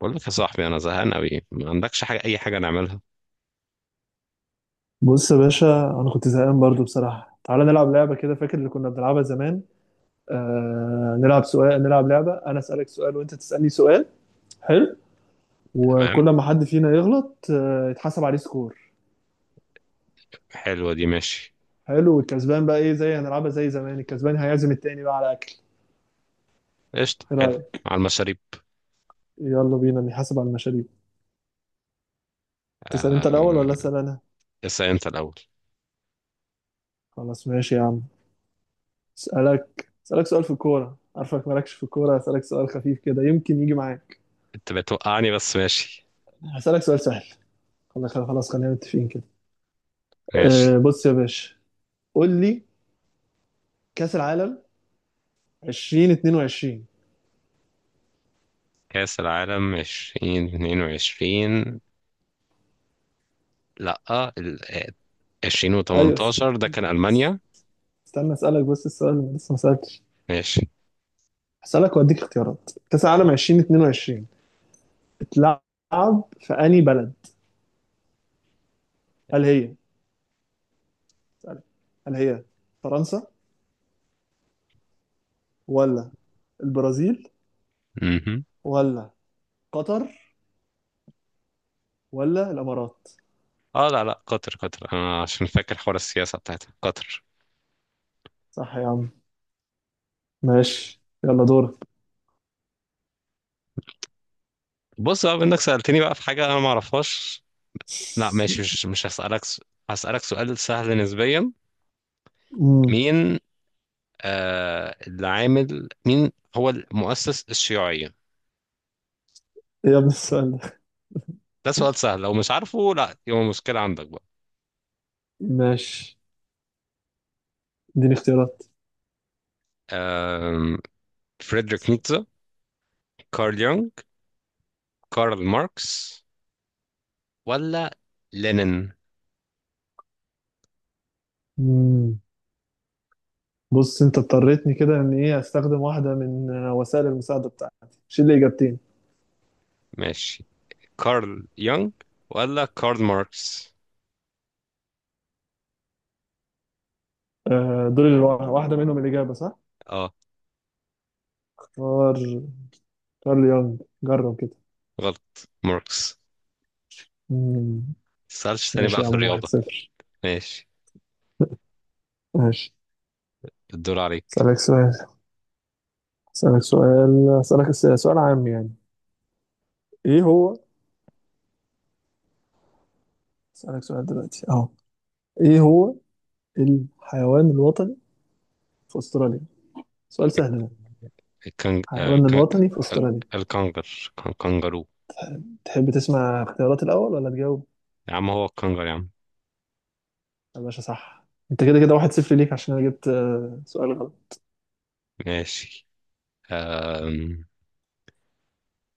بقول لك يا صاحبي، انا زهقان قوي، ما عندكش حاجه، اي حاجه نعملها؟ بص يا باشا، انا كنت زهقان برضو بصراحه. تعالى نلعب لعبه كده. فاكر اللي كنا بنلعبها زمان؟ نلعب سؤال، نلعب لعبه. انا اسالك سؤال وانت تسالني سؤال. حلو. وكل تمام. ما حد فينا يغلط يتحسب عليه سكور. حلوه دي، ماشي. حلو، والكسبان بقى ايه؟ زي هنلعبها زي زمان، الكسبان هيعزم التاني بقى على اكل. قشطه، ايه حلو. رايك؟ على المشاريب. يلا بينا نحاسب على المشاريب. تسال انت الاول ولا آه... اسال انا؟ اسال انت الاول. خلاص ماشي يا عم. اسالك سؤال في الكوره. عارفك مالكش في الكوره، اسالك سؤال خفيف كده يمكن يجي معاك. انت بتوقعني بس ماشي. هسالك سؤال سهل. خلاص خلينا متفقين كده. ماشي. أه بص يا باشا، قول لي: كأس العالم 2022. كاس العالم 2022. لا، ايوه 2018 ده كان المانيا. استنى، اسالك بس السؤال اللي لسه ما سالتش. ماشي. هسالك واديك اختيارات. كأس العالم 2022 اتلعب في انهي بلد؟ هل هي اسألك. هل هي فرنسا، ولا البرازيل، مهم. ولا قطر، ولا الامارات؟ اه، لا لا، قطر، قطر، انا عشان فاكر حوار السياسه بتاعتها قطر. صح يا عم. ماشي يلا دورك. بص بقى، انك سالتني بقى في حاجه انا ما اعرفهاش. لا، ماشي، مش هسالك هسالك سؤال سهل نسبيا. امم. مين اللي عامل مين هو المؤسس الشيوعية؟ إيه يا ابن السؤال ده! ده سؤال سهل، لو مش عارفه لا يبقى مشكلة عندك بقى. ماشي اديني اختيارات. آم، فريدريك نيتشه، كارل يونغ، كارل ماركس، ولا لينين؟ بص انت اضطريتني كده ان ايه استخدم واحده من وسائل المساعده بتاعتي. شيل لي اجابتين. ماشي، كارل يونغ ولا كارل ماركس. دول اللي واحده منهم الاجابه صح. اه. اختار كارل يونغ، جرب كده. غلط، ماركس. مم. متسألش تاني ماشي بقى يا عم، في واحد الرياضة. صفر. ماشي. ماشي. الدور عليك. اسالك سؤال، اسالك سؤال، اسالك سؤال عام يعني. ايه هو؟ اسالك سؤال دلوقتي اهو. ايه هو الحيوان الوطني في استراليا؟ سؤال سهل ده. الكنج... آه، الحيوان كن- الوطني في استراليا. الكنجر كنجرو. تحب تسمع اختيارات الاول ولا تجاوب؟ يا عم هو الكنجر يا عم. يا باشا صح. انت كده كده واحد صفر ليك عشان انا جبت سؤال غلط. ماشي. آم،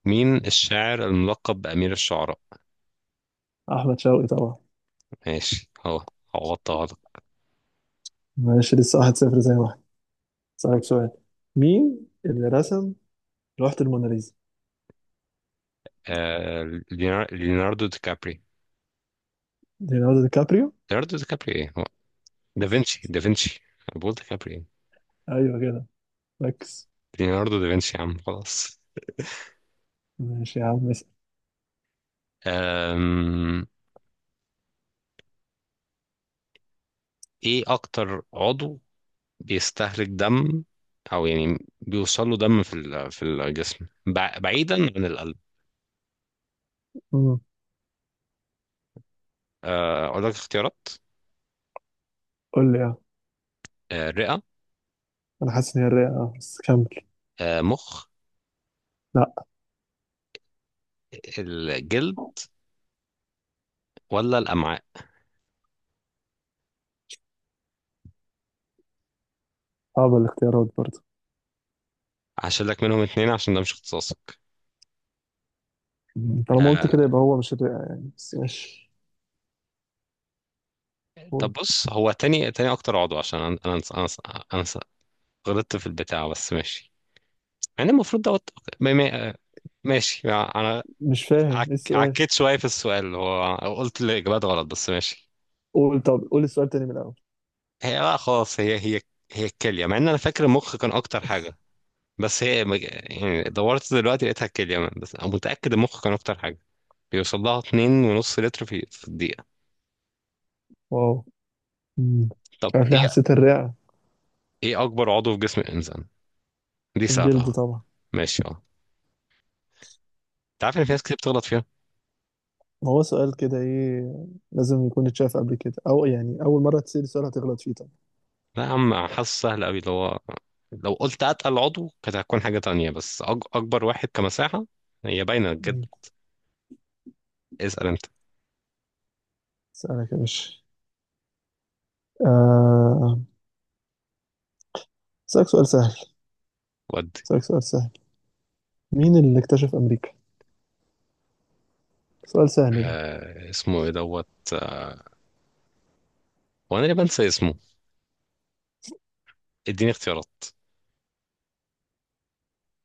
مين الشاعر الملقب بأمير الشعراء؟ احمد شوقي طبعا. ماشي، هو. عوضتها لك. ماشي، لسه واحد صفر زي واحد. اسالك سؤال: مين اللي رسم لوحة الموناليزا؟ آه، ليوناردو دي كابري. ليوناردو دي كابريو. ليوناردو دي كابري ايه هو، دافنشي، دافنشي. أنا بقول دي كابري ايه. ايوه كده، ركز. ليوناردو دافنشي يا عم، خلاص. ماشي يا عم، اسال. آم، ايه اكتر عضو بيستهلك دم، او يعني بيوصل له دم في في الجسم، بعيدا عن القلب؟ مم. اقول لك اختيارات. قول لي اه. الرئة، انا حاسس ان هي الرئه اه، بس كمل. مخ، لا. الجلد، ولا الامعاء. صعبه الاختيارات برضه. هشيل لك منهم اتنين عشان ده مش اختصاصك. مم. طالما قلت آه. كده يبقى هو مش الرئه يعني، بس ماشي. طب قول. بص، هو تاني تاني اكتر عضو، عشان أنا غلطت في البتاع، بس ماشي. يعني المفروض دوت. ما- ما- ماشي انا. مش فاهم ايه السؤال. عكيت شويه في السؤال، اللي هو قلت الاجابات غلط، بس ماشي. قول، طب قول السؤال تاني من الاول. هي لا، خلاص، هي الكليه، مع ان انا فاكر المخ كان اكتر حاجه. بس هي يعني دورت دلوقتي لقيتها الكليه، بس انا متاكد المخ كان اكتر حاجه بيوصل لها اتنين ونص لتر في الدقيقه. واو. مم. طب مش عارف ليه ايه. حسيت الرئه. ايه اكبر عضو في جسم الانسان؟ دي الجلد سهله. طبعا. ماشي، اه. انت عارف ان في ناس كتير بتغلط فيها. ما هو سؤال كده ايه، لازم يكون اتشاف قبل كده، او يعني اول مره تسأل سؤال هتغلط فيه طبعا. لا يا عم، حاسس سهل قوي اللي هو، لو قلت اتقل عضو كانت هتكون حاجة تانية، بس اكبر واحد كمساحة، هي باينة بجد. مم. اسأل انت. اسالك يا باشا. آه، اسالك سؤال سهل. ودي. اسالك سؤال سهل: مين اللي اكتشف امريكا؟ سؤال سهل ده. آه، اسمه ايه دوت، آه، وانا اللي بنسى اسمه. اديني اختيارات.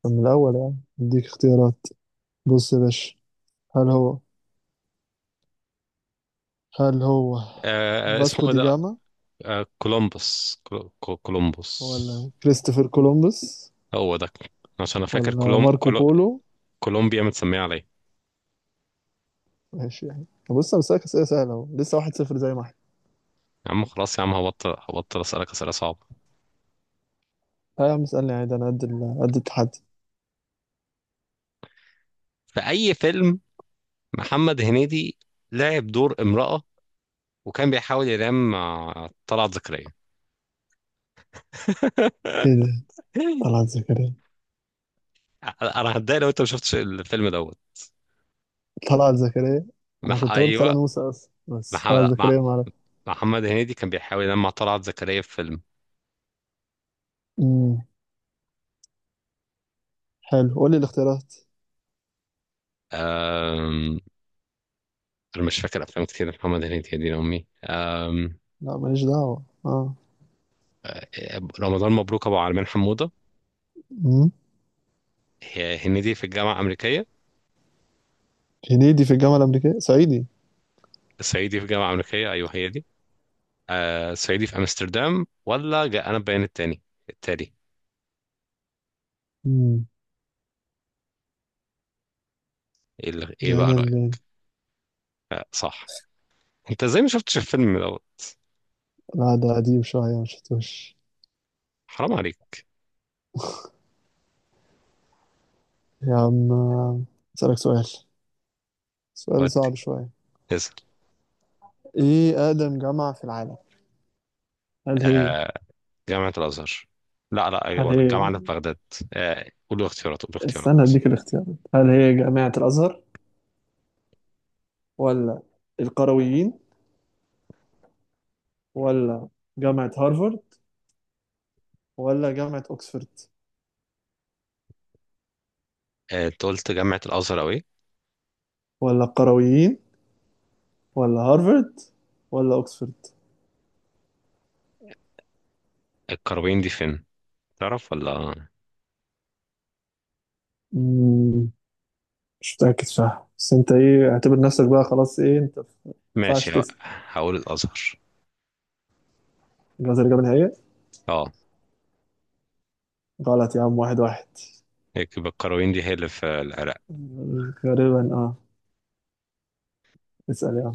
طب من الاول يعني اديك اختيارات. بص يا باشا، هل هو، هل هو اسمه فاسكو ايه دي ده؟ جاما، آه، كولومبوس، كولومبوس، ولا كريستوفر كولومبوس، هو ده. عشان انا فاكر ولا ماركو بولو؟ كولومبيا متسميه عليه. ماشي يعني. طب بص انا بسألك اسئله سهله اهو، لسه واحد صفر زي ما احنا. يا عم خلاص يا عم، هبطل اسالك اسئله صعبه. اه يا عم اسالني عادي، انا قد قد التحدي. في اي فيلم محمد هنيدي لعب دور امرأة وكان بيحاول ينام مع طلعت زكريا؟ ايه ده؟ طلعت زكريا؟ انا هتضايق لو انت ما شفتش الفيلم دوت. طلعت زكريا. انا كنت اقول كلا ايوه. نوسة اصلا، بس طلعت محمد مع... زكريا ما اعرف. محمد هنيدي كان بيحاول ينام مع طلعت زكريا في فيلم. امم. حلو، قول لي الاختيارات. أم... انا مش فاكر افلام كتير محمد هنيدي، يا دين امي. أم... لا ماليش دعوة اه. رمضان مبروك، ابو عالمين حموده، امم. هي هنيدي في الجامعه الامريكيه، هنيدي في الجامعة الأمريكية صعيدي. صعيدي في الجامعه الامريكيه. ايوه هي دي. صعيدي في امستردام، ولا جاء انا بيان التاني، التالي. امم. ايه بقى جانا رايك؟ المال. أه صح. انت ازاي ما شفتش الفيلم دوت؟ لا ده قديم شوية ما شفتوش. حرام عليك. يا عم أسألك سؤال، سؤال ودي. صعب شوية: اسال. ايه أقدم جامعة في العالم؟ هل هي، آه جامعة الازهر، لا لا، أيوة، هل ولا هي، الجامعة اللي في بغداد. آه، قول له اختيارات، قول له استنى اختيارات. اديك الاختيارات. هل هي جامعة الأزهر، ولا القرويين، ولا جامعة هارفارد، ولا جامعة أوكسفورد؟ آه، انت قلت جامعة الازهر او ايه؟ ولا القرويين، ولا هارفرد، ولا اوكسفورد؟ القرويين دي فين، تعرف ولا. مم، مش متأكد صح بس انت ايه اعتبر نفسك بقى خلاص ايه انت ما ينفعش ماشي، تسأل. هقول الازهر. جواز الإجابة النهائية. اه. غلط يا عم، واحد واحد. يكب القرويين دي هي اللي في العراق. غالبا اه. اسأل يا عم.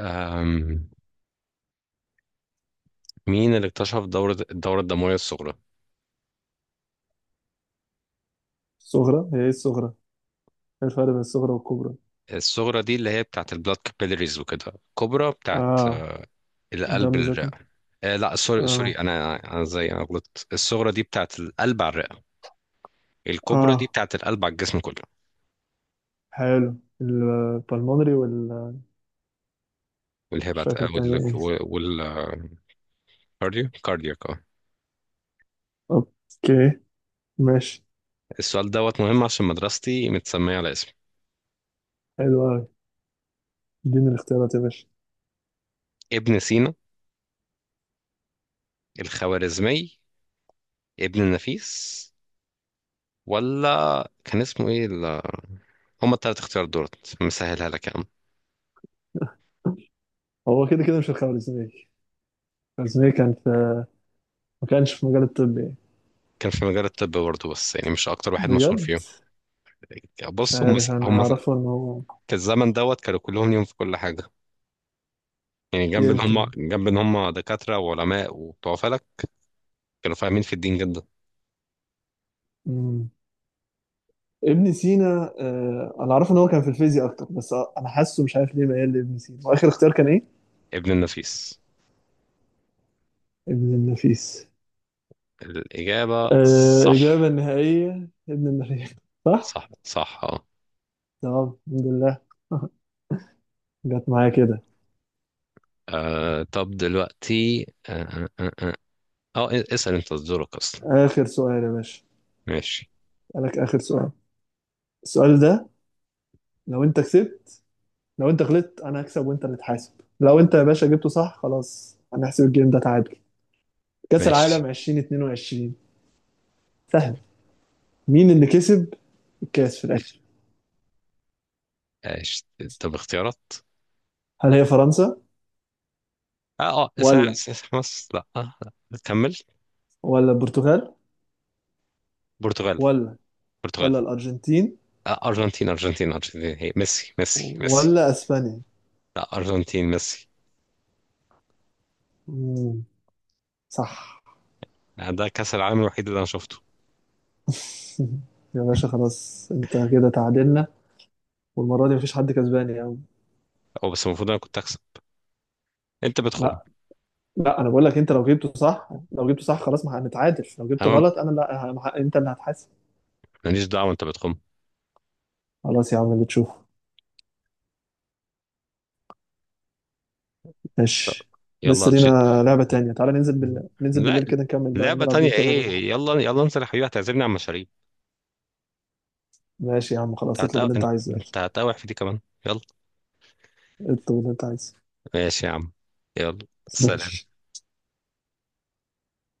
أم، مين اللي اكتشف الدورة الدموية الصغرى؟ الصغرى هي ايه الصغرى؟ ايه الفرق بين الصغرى والكبرى؟ الصغرى دي اللي هي بتاعت البلاد، كابيلاريز وكده، الكبرى بتاعت اه. القلب الدم الرئة. ذاتنا. لا، سوري سوري، اه. انا زي انا غلطت، الصغرى دي بتاعت القلب على الرئة، الكبرى دي اه، بتاعت القلب على الجسم كله. حلو. البلمونري وال، مش والهبات، فاكر وال التانية ايه. وال كاردياك، اه. اوكي، ماشي. السؤال دوت مهم عشان مدرستي متسمية على اسمي. حلو اوي. اديني الاختيارات يا باشا. ابن سينا، الخوارزمي، ابن النفيس، ولا كان اسمه ايه هما التلات اختيارات دولت مسهلها لك يا عم. هو كده كده مش الخمر الزميل، بس هي كان في، ما كانش في مجال الطب يعني. كان في مجال الطب برضه، بس يعني مش اكتر واحد مشهور بجد. فيهم. مش بص هم. عارف، انا هم اعرفه في ان هو، الزمن دوت كانوا كلهم ليهم في كل حاجه. يعني يمكن. جنب ان هم دكاتره وعلماء وبتوع فلك، كانوا فاهمين في الدين جدا. مم. ابن سينا. آه انا اعرفه ان هو كان في الفيزياء اكتر، بس انا حاسه مش عارف ليه ميال لابن سينا. واخر اختيار كان ايه؟ ابن النفيس. ابن النفيس. الاجابه آه صح. اجابه النهائيه ابن النفيس. صح. صح، صح، اه. تمام الحمد لله. جت معايا كده. طب دلوقتي اسال انت دورك اصلا. اخر سؤال يا باشا ماشي. لك، اخر سؤال. السؤال ده لو انت كسبت، لو انت غلطت انا هكسب وانت اللي تحاسب، لو انت يا باشا جبته صح خلاص هنحسب الجيم ده تعادل. كأس العالم ماشي. 2022، سهل. مين اللي كسب الكأس في الآخر؟ ماشي. طب اختيارات. هل هي فرنسا، اه، اه، اسمها، ولا، اسمها مصر، لا، لا، كمل. ولا البرتغال، برتغال. ولا، برتغال. ولا الأرجنتين، آه، ارجنتين ارجنتين ارجنتين، هي ميسي ميسي ميسي. ولا أسبانيا؟ لا، ارجنتين، ميسي. مم. صح. ده كاس العالم الوحيد اللي انا شفته. يا باشا خلاص انت كده تعادلنا، والمرة دي مفيش حد كسبان يا عم. هو بس المفروض انا كنت اكسب. انت بتخم. لا، لا انا بقول لك، انت لو جبته صح، لو جبته صح خلاص ما هنتعادل، لو جبته تمام، غلط انا لا انت اللي هتحاسب. ماليش دعوه، انت بتخم. خلاص يا عم اللي تشوفه. لا. ماشي. يلا لسه لينا لعبة تانية، تعالى ننزل بال... ننزل لا. بالليل كده نكمل بقى لعبه نلعب جيم تانية كمان ولا ايه؟ حاجة. يلا يلا، انت يا حبيبي هتعزمني على المشاريب. ماشي يا عم انت خلاص، اطلب هتقاوح، اللي انت عايزه يلا. انت هتقاوح في دي كمان. يلا. اطلب اللي انت عايزه. ماشي يا عم. يلا. سلام. ماشي